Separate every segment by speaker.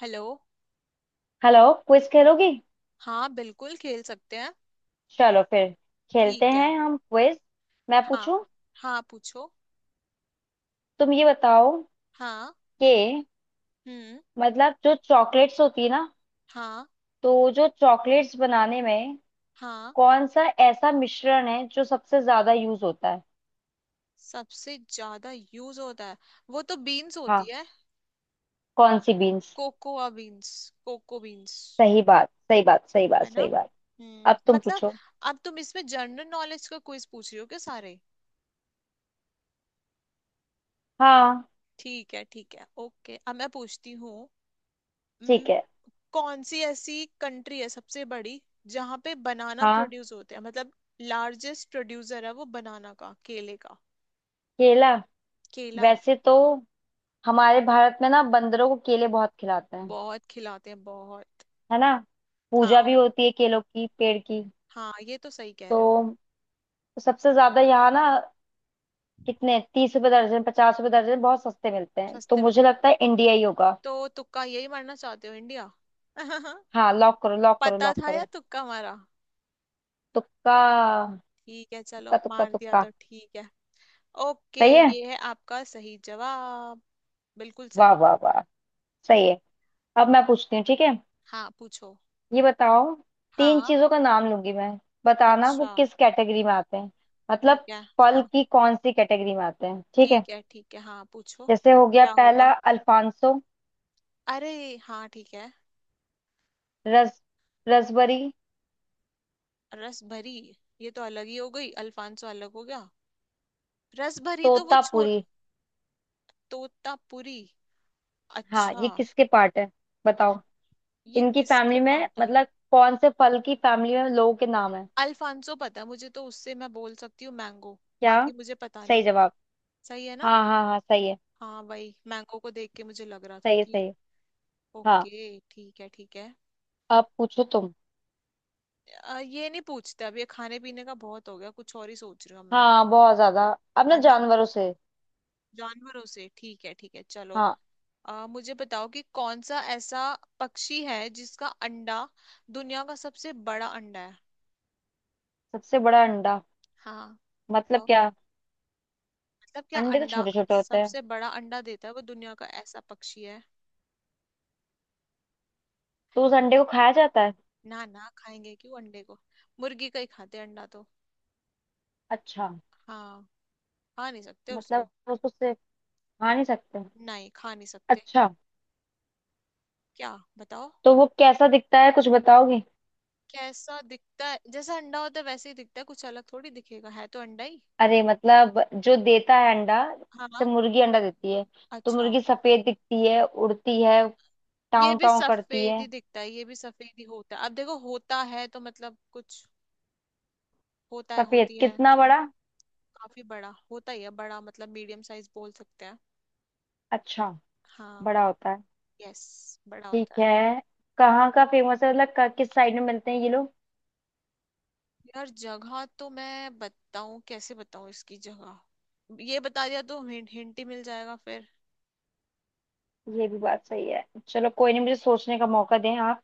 Speaker 1: Hello.
Speaker 2: Hello. Quiz खेलोगी।
Speaker 1: हाँ बिल्कुल खेल सकते हैं।
Speaker 2: चलो फिर खेलते
Speaker 1: ठीक है।
Speaker 2: हैं हम क्विज। मैं
Speaker 1: हाँ,
Speaker 2: पूछूं।
Speaker 1: हाँ पूछो।
Speaker 2: तुम ये बताओ
Speaker 1: हाँ।
Speaker 2: कि
Speaker 1: हम्म।
Speaker 2: मतलब जो चॉकलेट्स होती है ना,
Speaker 1: हाँ।
Speaker 2: तो जो चॉकलेट्स बनाने में
Speaker 1: हाँ।
Speaker 2: कौन सा ऐसा मिश्रण है जो सबसे ज्यादा यूज होता है।
Speaker 1: सबसे ज्यादा यूज होता है, वो तो बीन्स होती
Speaker 2: हाँ।
Speaker 1: है।
Speaker 2: कौन सी beans.
Speaker 1: Cocoa beans, cocoa beans.
Speaker 2: सही बात सही बात सही बात
Speaker 1: है ना।
Speaker 2: सही बात। अब
Speaker 1: हम्म,
Speaker 2: तुम
Speaker 1: मतलब।
Speaker 2: पूछो।
Speaker 1: अब तुम इसमें जनरल नॉलेज का क्विज पूछ रही हो क्या सारे।
Speaker 2: हाँ।
Speaker 1: ठीक है, ठीक है, ओके, अब मैं पूछती हूँ।
Speaker 2: ठीक है।
Speaker 1: कौन सी ऐसी कंट्री है सबसे बड़ी जहां पे बनाना
Speaker 2: हाँ।
Speaker 1: प्रोड्यूस होते हैं, मतलब लार्जेस्ट प्रोड्यूसर है वो बनाना का, केले का।
Speaker 2: केला।
Speaker 1: केला
Speaker 2: वैसे तो हमारे भारत में ना बंदरों को केले बहुत खिलाते हैं,
Speaker 1: बहुत खिलाते हैं बहुत।
Speaker 2: है ना। पूजा
Speaker 1: हाँ,
Speaker 2: भी होती है केलों की पेड़ की।
Speaker 1: हाँ ये तो सही कह रहे हो।
Speaker 2: तो तो सबसे ज्यादा यहाँ ना कितने 30 रुपए दर्जन 50 रुपए दर्जन बहुत सस्ते मिलते हैं, तो
Speaker 1: सस्ते में?
Speaker 2: मुझे लगता है इंडिया ही होगा।
Speaker 1: तो तुक्का यही मारना चाहते हो, इंडिया।
Speaker 2: हाँ, लॉक करो लॉक करो
Speaker 1: पता
Speaker 2: लॉक
Speaker 1: था या
Speaker 2: करो।
Speaker 1: तुक्का मारा।
Speaker 2: तुक्का
Speaker 1: ठीक है, चलो
Speaker 2: तुक्का तुक्का
Speaker 1: मार दिया
Speaker 2: तुक्का।
Speaker 1: तो ठीक है। ओके।
Speaker 2: सही है।
Speaker 1: ये है आपका सही जवाब, बिल्कुल
Speaker 2: वाह
Speaker 1: सही।
Speaker 2: वाह वाह। सही है। अब मैं पूछती हूँ, ठीक है।
Speaker 1: हाँ पूछो।
Speaker 2: ये बताओ। तीन
Speaker 1: हाँ।
Speaker 2: चीजों का नाम लूंगी मैं, बताना वो
Speaker 1: अच्छा।
Speaker 2: किस कैटेगरी में आते हैं।
Speaker 1: ठीक
Speaker 2: मतलब
Speaker 1: है।
Speaker 2: फल
Speaker 1: हाँ,
Speaker 2: की कौन सी कैटेगरी में आते हैं, ठीक है।
Speaker 1: ठीक है, ठीक है, हाँ पूछो।
Speaker 2: जैसे हो गया
Speaker 1: क्या
Speaker 2: पहला
Speaker 1: होगा?
Speaker 2: अल्फांसो,
Speaker 1: अरे हाँ, ठीक है।
Speaker 2: रस रसबरी,
Speaker 1: रस भरी? ये तो अलग ही हो गई। अल्फांसो अलग हो गया। रस भरी तो वो छो।
Speaker 2: तोतापुरी।
Speaker 1: तोतापुरी।
Speaker 2: हाँ
Speaker 1: अच्छा।
Speaker 2: ये किसके पार्ट है, बताओ।
Speaker 1: ये
Speaker 2: इनकी
Speaker 1: किसके
Speaker 2: फैमिली में
Speaker 1: पार्ट है?
Speaker 2: मतलब कौन से फल की फैमिली में लोगों के नाम है।
Speaker 1: अल्फांसो पता है मुझे, तो उससे मैं बोल सकती हूँ मैंगो।
Speaker 2: क्या।
Speaker 1: बाकी मुझे पता
Speaker 2: सही
Speaker 1: नहीं।
Speaker 2: जवाब।
Speaker 1: सही है ना।
Speaker 2: हाँ हाँ हाँ सही है।
Speaker 1: हाँ वही, मैंगो को देख के मुझे लग रहा था
Speaker 2: सही है
Speaker 1: कि।
Speaker 2: सही है। हाँ।
Speaker 1: ओके, ठीक है ठीक है।
Speaker 2: अब पूछो तुम।
Speaker 1: ये नहीं पूछते अब, ये खाने पीने का बहुत हो गया, कुछ और ही सोच रही हूँ मैं।
Speaker 2: हाँ बहुत ज्यादा। अब ना
Speaker 1: है ना।
Speaker 2: जानवरों से।
Speaker 1: जानवरों से ठीक है, ठीक है चलो।
Speaker 2: हाँ।
Speaker 1: मुझे बताओ कि कौन सा ऐसा पक्षी है जिसका अंडा दुनिया का सबसे बड़ा अंडा है।
Speaker 2: सबसे बड़ा अंडा
Speaker 1: हाँ।
Speaker 2: मतलब
Speaker 1: बताओ।
Speaker 2: क्या।
Speaker 1: मतलब क्या
Speaker 2: अंडे तो
Speaker 1: अंडा,
Speaker 2: छोटे छोटे होते हैं,
Speaker 1: सबसे बड़ा अंडा देता है वो, दुनिया का ऐसा पक्षी है।
Speaker 2: तो उस अंडे को खाया जाता है।
Speaker 1: ना ना, खाएंगे क्यों अंडे को। मुर्गी का ही खाते हैं अंडा तो।
Speaker 2: अच्छा।
Speaker 1: हाँ। खा नहीं सकते
Speaker 2: मतलब
Speaker 1: उसको।
Speaker 2: उसको से खा नहीं सकते।
Speaker 1: नहीं, खा नहीं सकते।
Speaker 2: अच्छा।
Speaker 1: क्या? बताओ।
Speaker 2: तो वो कैसा दिखता है, कुछ बताओगे।
Speaker 1: कैसा दिखता है? जैसा अंडा होता है वैसे ही दिखता है, कुछ अलग थोड़ी दिखेगा, है तो अंडा ही।
Speaker 2: अरे मतलब जो देता है अंडा, जैसे
Speaker 1: हाँ,
Speaker 2: मुर्गी अंडा देती है, तो
Speaker 1: अच्छा।
Speaker 2: मुर्गी सफेद दिखती है, उड़ती है,
Speaker 1: ये
Speaker 2: टाँव
Speaker 1: भी
Speaker 2: टाँव करती
Speaker 1: सफेद
Speaker 2: है।
Speaker 1: ही दिखता है, ये भी सफेद ही होता है। अब देखो होता है तो मतलब कुछ, होता है,
Speaker 2: सफेद
Speaker 1: होती है।
Speaker 2: कितना बड़ा।
Speaker 1: काफी बड़ा होता ही है, बड़ा मतलब मीडियम साइज बोल सकते हैं।
Speaker 2: अच्छा।
Speaker 1: हाँ।
Speaker 2: बड़ा होता है।
Speaker 1: यस, बड़ा
Speaker 2: ठीक
Speaker 1: होता है।
Speaker 2: है। कहाँ का फेमस है, मतलब किस साइड में मिलते हैं ये लोग।
Speaker 1: यार जगह तो मैं बताऊं कैसे, बताऊं इसकी जगह? ये बता दिया तो हिंट, हिंट ही मिल जाएगा फिर।
Speaker 2: ये भी बात सही है। चलो कोई नहीं, मुझे सोचने का मौका दें आप।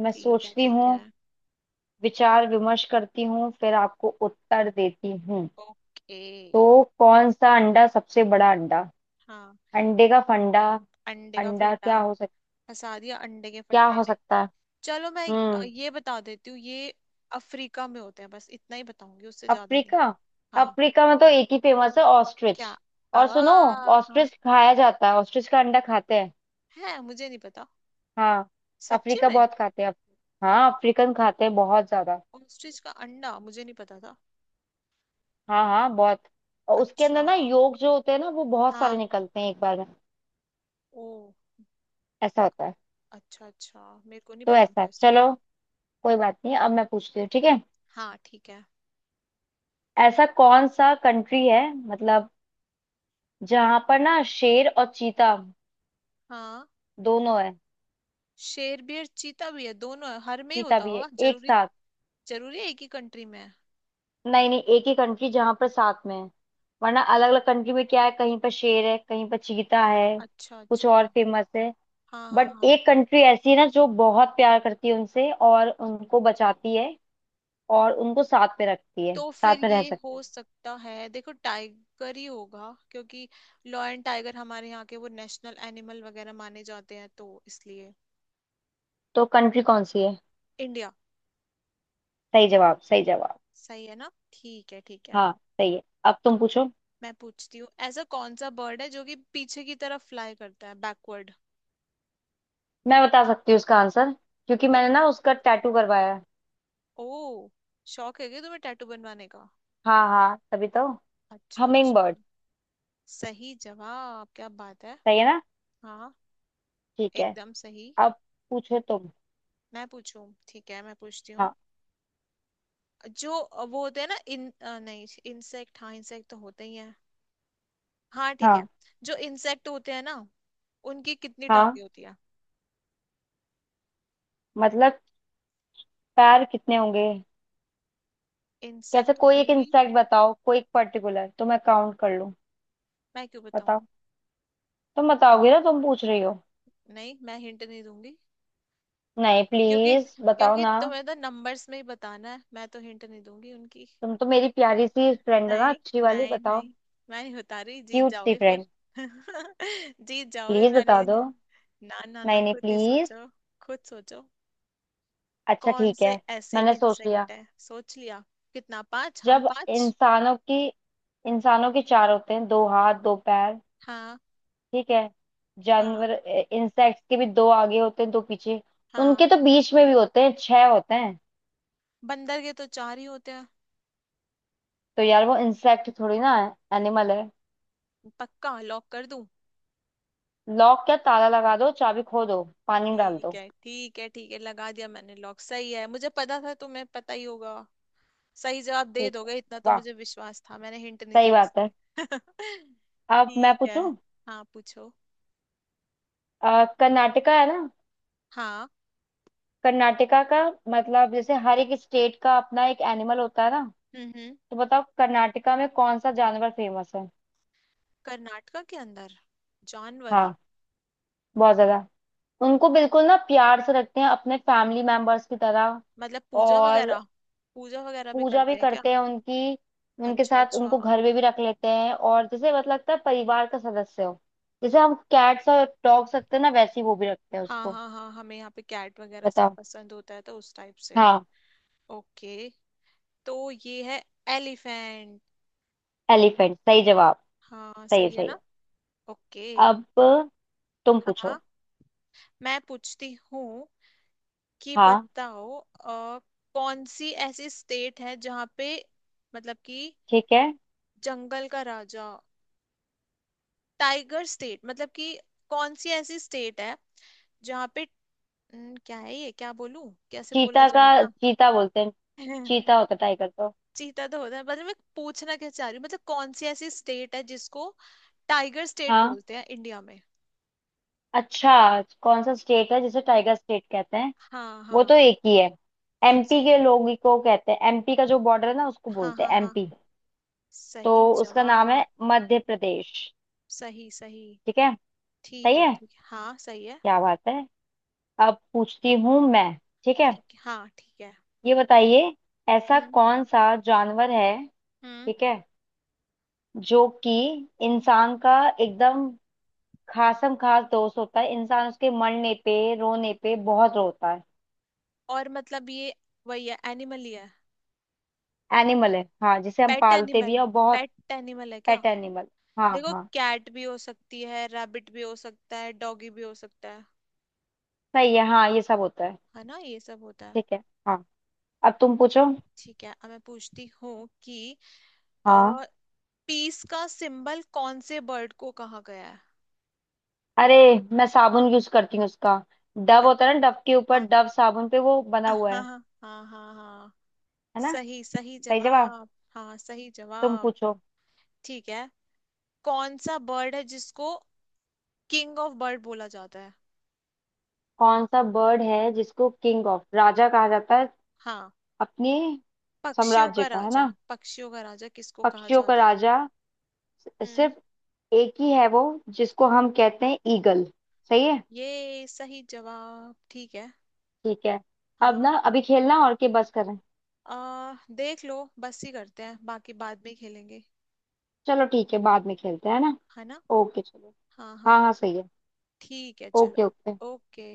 Speaker 2: मैं
Speaker 1: ठीक है,
Speaker 2: सोचती
Speaker 1: ठीक
Speaker 2: हूँ।
Speaker 1: है।
Speaker 2: विचार विमर्श करती हूँ फिर आपको उत्तर देती हूँ।
Speaker 1: ओके।
Speaker 2: तो कौन सा अंडा सबसे बड़ा अंडा।
Speaker 1: हाँ।
Speaker 2: अंडे का फंडा।
Speaker 1: अंडे का
Speaker 2: अंडा
Speaker 1: फंडा। फंसा दिया अंडे के
Speaker 2: क्या
Speaker 1: फंडे
Speaker 2: हो
Speaker 1: ने।
Speaker 2: सकता है।
Speaker 1: चलो मैं,
Speaker 2: हम्म।
Speaker 1: ये बता देती हूँ ये अफ्रीका में होते हैं, बस इतना ही बताऊंगी, उससे ज्यादा नहीं।
Speaker 2: अफ्रीका।
Speaker 1: हाँ।
Speaker 2: अफ्रीका में तो एक ही फेमस है, ऑस्ट्रिच।
Speaker 1: क्या? आ।
Speaker 2: और सुनो,
Speaker 1: हाँ,
Speaker 2: ऑस्ट्रिच खाया जाता है, ऑस्ट्रिच का अंडा खाते हैं।
Speaker 1: है, मुझे नहीं पता।
Speaker 2: हाँ
Speaker 1: सच्ची
Speaker 2: अफ्रीका
Speaker 1: में?
Speaker 2: बहुत खाते हैं। हाँ अफ्रीकन खाते हैं बहुत ज्यादा।
Speaker 1: ऑस्ट्रिच का अंडा मुझे नहीं पता था।
Speaker 2: हाँ हाँ बहुत। और उसके
Speaker 1: अच्छा,
Speaker 2: अंदर ना योग जो होते हैं ना, वो बहुत सारे
Speaker 1: हाँ,
Speaker 2: निकलते हैं एक बार में।
Speaker 1: ओ।
Speaker 2: ऐसा होता है।
Speaker 1: अच्छा अच्छा, मेरे को नहीं
Speaker 2: तो
Speaker 1: पता
Speaker 2: ऐसा
Speaker 1: था
Speaker 2: है,
Speaker 1: इसका।
Speaker 2: चलो। कोई बात नहीं, अब मैं पूछती हूँ, ठीक है।
Speaker 1: हाँ, ठीक है।
Speaker 2: ऐसा कौन सा कंट्री है मतलब, जहां पर ना शेर और चीता
Speaker 1: हाँ।
Speaker 2: दोनों है।
Speaker 1: शेर भी है, चीता भी है, दोनों है, हर में ही
Speaker 2: चीता
Speaker 1: होता
Speaker 2: भी है
Speaker 1: होगा
Speaker 2: एक
Speaker 1: जरूरी।
Speaker 2: साथ।
Speaker 1: जरूरी है एक ही कंट्री में है?
Speaker 2: नहीं नहीं, एक ही कंट्री जहां पर साथ में है, वरना अलग अलग कंट्री में क्या है, कहीं पर शेर है कहीं पर चीता है,
Speaker 1: अच्छा
Speaker 2: कुछ
Speaker 1: अच्छा।
Speaker 2: और फेमस है।
Speaker 1: हाँ हाँ
Speaker 2: बट
Speaker 1: हाँ।
Speaker 2: एक कंट्री ऐसी है ना जो बहुत प्यार करती है उनसे और उनको बचाती है और उनको साथ में रखती है,
Speaker 1: तो फिर
Speaker 2: साथ में रह
Speaker 1: ये
Speaker 2: सकते
Speaker 1: हो
Speaker 2: हैं।
Speaker 1: सकता है, देखो टाइगर ही होगा, क्योंकि लॉयन टाइगर हमारे यहाँ के वो नेशनल एनिमल वगैरह माने जाते हैं तो इसलिए।
Speaker 2: तो कंट्री कौन सी है।
Speaker 1: इंडिया।
Speaker 2: सही जवाब सही जवाब।
Speaker 1: सही है ना। ठीक है ठीक है।
Speaker 2: हाँ सही है। अब
Speaker 1: आ-
Speaker 2: तुम पूछो।
Speaker 1: मैं पूछती हूँ, ऐसा कौन सा बर्ड है जो कि पीछे की तरफ फ्लाई करता है, बैकवर्ड।
Speaker 2: मैं बता सकती हूँ उसका आंसर, क्योंकि मैंने ना उसका टैटू करवाया है।
Speaker 1: ओ, शौक है क्या तुम्हें टैटू बनवाने का?
Speaker 2: हाँ हाँ तभी तो।
Speaker 1: अच्छा
Speaker 2: हमिंग
Speaker 1: अच्छा।
Speaker 2: बर्ड।
Speaker 1: सही जवाब, क्या बात है।
Speaker 2: सही है ना।
Speaker 1: हाँ।
Speaker 2: ठीक है।
Speaker 1: एकदम सही।
Speaker 2: अब पूछो तुम।
Speaker 1: मैं पूछूं, ठीक है, मैं पूछती हूँ।
Speaker 2: हाँ
Speaker 1: जो वो होते हैं ना, नहीं इंसेक्ट, हाँ इंसेक्ट तो होते ही हैं। हाँ, ठीक है।
Speaker 2: हाँ
Speaker 1: जो इंसेक्ट होते हैं ना, उनकी कितनी टांगे
Speaker 2: हाँ।
Speaker 1: होती है?
Speaker 2: मतलब पैर कितने होंगे। कैसे,
Speaker 1: इंसेक्ट
Speaker 2: कोई एक
Speaker 1: की।
Speaker 2: इंसेक्ट बताओ कोई एक पर्टिकुलर, तो मैं काउंट कर लूं।
Speaker 1: मैं क्यों बताऊं?
Speaker 2: बताओ। तुम बताओगे ना, तुम पूछ रही हो।
Speaker 1: नहीं, मैं हिंट नहीं दूंगी।
Speaker 2: नहीं
Speaker 1: क्योंकि
Speaker 2: प्लीज बताओ
Speaker 1: क्योंकि
Speaker 2: ना।
Speaker 1: तुम्हें तो नंबर्स में ही बताना है, मैं तो हिंट नहीं दूंगी उनकी।
Speaker 2: तुम तो मेरी प्यारी सी फ्रेंड हो ना,
Speaker 1: नहीं।
Speaker 2: अच्छी वाली,
Speaker 1: नहीं
Speaker 2: बताओ।
Speaker 1: नहीं। मैं नहीं बता रही, जीत
Speaker 2: क्यूट सी
Speaker 1: जाओगे फिर।
Speaker 2: फ्रेंड।
Speaker 1: जीत जाओगे,
Speaker 2: प्लीज
Speaker 1: मैं
Speaker 2: बता दो।
Speaker 1: नहीं। ना ना ना,
Speaker 2: नहीं नहीं
Speaker 1: खुद ही
Speaker 2: प्लीज।
Speaker 1: सोचो। खुद सोचो।
Speaker 2: अच्छा
Speaker 1: कौन
Speaker 2: ठीक है।
Speaker 1: से ऐसे
Speaker 2: मैंने सोच लिया।
Speaker 1: इंसेक्ट है सोच लिया? कितना, पांच? हम
Speaker 2: जब
Speaker 1: पांच।
Speaker 2: इंसानों के चार होते हैं, दो हाथ दो पैर,
Speaker 1: हाँ।
Speaker 2: ठीक है। जानवर
Speaker 1: हाँ।
Speaker 2: इंसेक्ट्स के भी दो आगे होते हैं दो पीछे।
Speaker 1: हाँ।
Speaker 2: उनके तो बीच में भी होते हैं, छह होते हैं।
Speaker 1: बंदर के तो चार ही होते हैं।
Speaker 2: तो यार वो इंसेक्ट थोड़ी ना है, एनिमल है।
Speaker 1: पक्का लॉक कर दूं?
Speaker 2: लॉक क्या, ताला लगा दो, चाबी खो दो, पानी में डाल
Speaker 1: ठीक
Speaker 2: दो।
Speaker 1: है ठीक है ठीक है, लगा दिया मैंने लॉक। सही है, मुझे पता था तुम्हें पता ही होगा। सही जवाब दे
Speaker 2: ठीक है।
Speaker 1: दोगे, इतना तो
Speaker 2: वाह
Speaker 1: मुझे विश्वास था, मैंने हिंट नहीं
Speaker 2: सही
Speaker 1: दिया
Speaker 2: बात है।
Speaker 1: इसलिए।
Speaker 2: अब मैं
Speaker 1: ठीक है,
Speaker 2: पूछूं।
Speaker 1: हाँ पूछो।
Speaker 2: कर्नाटका है ना।
Speaker 1: हाँ।
Speaker 2: कर्नाटका का मतलब, जैसे हर एक स्टेट का अपना एक एनिमल होता है ना,
Speaker 1: हम्म।
Speaker 2: तो बताओ कर्नाटका में कौन सा जानवर फेमस है।
Speaker 1: कर्नाटका के अंदर जानवर?
Speaker 2: हाँ बहुत ज्यादा। उनको बिल्कुल ना प्यार से रखते हैं अपने फैमिली मेंबर्स की तरह।
Speaker 1: मतलब पूजा
Speaker 2: और
Speaker 1: वगैरह, पूजा वगैरह भी
Speaker 2: पूजा भी
Speaker 1: करते हैं क्या?
Speaker 2: करते हैं उनकी। उनके
Speaker 1: अच्छा
Speaker 2: साथ
Speaker 1: अच्छा।
Speaker 2: उनको घर में भी रख लेते हैं, और जैसे मतलब लगता है परिवार का सदस्य हो। जैसे हम कैट्स और डॉग्स रखते हैं ना, वैसे ही वो भी रखते हैं
Speaker 1: हाँ
Speaker 2: उसको।
Speaker 1: हाँ हाँ, हमें यहाँ पे कैट वगैरह सब
Speaker 2: बताओ।
Speaker 1: पसंद होता है, तो उस टाइप से।
Speaker 2: हाँ।
Speaker 1: ओके, तो ये है एलिफेंट।
Speaker 2: एलिफेंट सही जवाब।
Speaker 1: हाँ
Speaker 2: सही है
Speaker 1: सही है
Speaker 2: सही
Speaker 1: ना।
Speaker 2: है।
Speaker 1: ओके।
Speaker 2: अब तुम पूछो।
Speaker 1: हाँ, मैं पूछती हूँ कि
Speaker 2: हाँ
Speaker 1: बताओ, कौन सी ऐसी स्टेट है जहाँ पे, मतलब कि
Speaker 2: ठीक है।
Speaker 1: जंगल का राजा, टाइगर स्टेट, मतलब कि कौन सी ऐसी स्टेट है जहाँ पे, न, क्या है ये, क्या बोलूं, कैसे बोला
Speaker 2: चीता का
Speaker 1: जाएगा।
Speaker 2: चीता बोलते हैं। चीता होता टाइगर तो।
Speaker 1: चीता तो होता है, मतलब मैं पूछना क्या चाह रही हूँ, मतलब कौन सी ऐसी स्टेट है जिसको टाइगर स्टेट
Speaker 2: हाँ
Speaker 1: बोलते हैं इंडिया में।
Speaker 2: अच्छा। कौन सा स्टेट है जिसे टाइगर स्टेट कहते हैं।
Speaker 1: हाँ
Speaker 2: वो तो
Speaker 1: हाँ।
Speaker 2: एक ही है।
Speaker 1: कौन
Speaker 2: एमपी
Speaker 1: सी?
Speaker 2: के लोग ही को कहते हैं। एमपी का जो बॉर्डर है ना उसको
Speaker 1: हाँ
Speaker 2: बोलते
Speaker 1: हाँ
Speaker 2: हैं
Speaker 1: हाँ
Speaker 2: एमपी।
Speaker 1: सही
Speaker 2: तो उसका नाम है
Speaker 1: जवाब।
Speaker 2: मध्य प्रदेश।
Speaker 1: सही सही।
Speaker 2: ठीक है। सही
Speaker 1: ठीक है
Speaker 2: है।
Speaker 1: ठीक है, हाँ सही है।
Speaker 2: क्या बात है। अब पूछती हूँ मैं, ठीक है।
Speaker 1: ठीक है, हाँ ठीक है।
Speaker 2: ये बताइए, ऐसा
Speaker 1: हम्म
Speaker 2: कौन सा जानवर है,
Speaker 1: हम्म।
Speaker 2: ठीक है, जो कि इंसान का एकदम खासम खास दोस्त होता है, इंसान उसके मरने पे रोने पे बहुत रोता है।
Speaker 1: और मतलब ये, वही है, एनिमल ही है।
Speaker 2: एनिमल है हाँ, जिसे हम
Speaker 1: पेट
Speaker 2: पालते
Speaker 1: एनिमल,
Speaker 2: भी है और बहुत।
Speaker 1: पेट एनिमल है क्या?
Speaker 2: Pet animal. हाँ
Speaker 1: देखो
Speaker 2: हाँ।
Speaker 1: कैट भी हो सकती है, रैबिट भी हो सकता है, डॉगी भी हो सकता है।
Speaker 2: सही है। हाँ ये सब होता है।
Speaker 1: है ना, ये सब होता है।
Speaker 2: ठीक है। हाँ अब तुम पूछो।
Speaker 1: ठीक है, अब मैं पूछती हूँ कि,
Speaker 2: हाँ।
Speaker 1: आ, पीस का सिंबल कौन से बर्ड को कहा गया है?
Speaker 2: अरे, मैं साबुन यूज करती हूँ उसका। डव
Speaker 1: बत-
Speaker 2: होता है ना, डव के ऊपर
Speaker 1: हाँ,
Speaker 2: डव साबुन पे वो बना
Speaker 1: हाँ
Speaker 2: हुआ
Speaker 1: हाँ
Speaker 2: है
Speaker 1: हाँ, हाँ हाँ।
Speaker 2: है ना।
Speaker 1: सही, सही
Speaker 2: सही जवाब।
Speaker 1: जवाब। हाँ सही
Speaker 2: तुम
Speaker 1: जवाब।
Speaker 2: पूछो।
Speaker 1: ठीक है। कौन सा बर्ड है जिसको किंग ऑफ बर्ड बोला जाता है?
Speaker 2: कौन सा बर्ड है जिसको किंग ऑफ राजा कहा जाता है।
Speaker 1: हाँ।
Speaker 2: अपने
Speaker 1: पक्षियों
Speaker 2: साम्राज्य
Speaker 1: का
Speaker 2: का, है
Speaker 1: राजा,
Speaker 2: ना,
Speaker 1: पक्षियों का राजा किसको कहा
Speaker 2: पक्षियों का
Speaker 1: जाता है?
Speaker 2: राजा।
Speaker 1: हम्म।
Speaker 2: सिर्फ एक ही है वो जिसको हम कहते हैं ईगल। सही है।
Speaker 1: ये सही जवाब, ठीक है।
Speaker 2: ठीक है। अब
Speaker 1: हाँ।
Speaker 2: ना अभी खेलना और के बस करें।
Speaker 1: देख लो बस ही करते हैं, बाकी बाद में खेलेंगे।
Speaker 2: चलो ठीक है, बाद में खेलते हैं, है ना।
Speaker 1: है ना।
Speaker 2: ओके चलो।
Speaker 1: हाँ
Speaker 2: हाँ
Speaker 1: हाँ।
Speaker 2: हाँ सही है।
Speaker 1: ठीक है
Speaker 2: ओके ओके।
Speaker 1: चलो। ओके।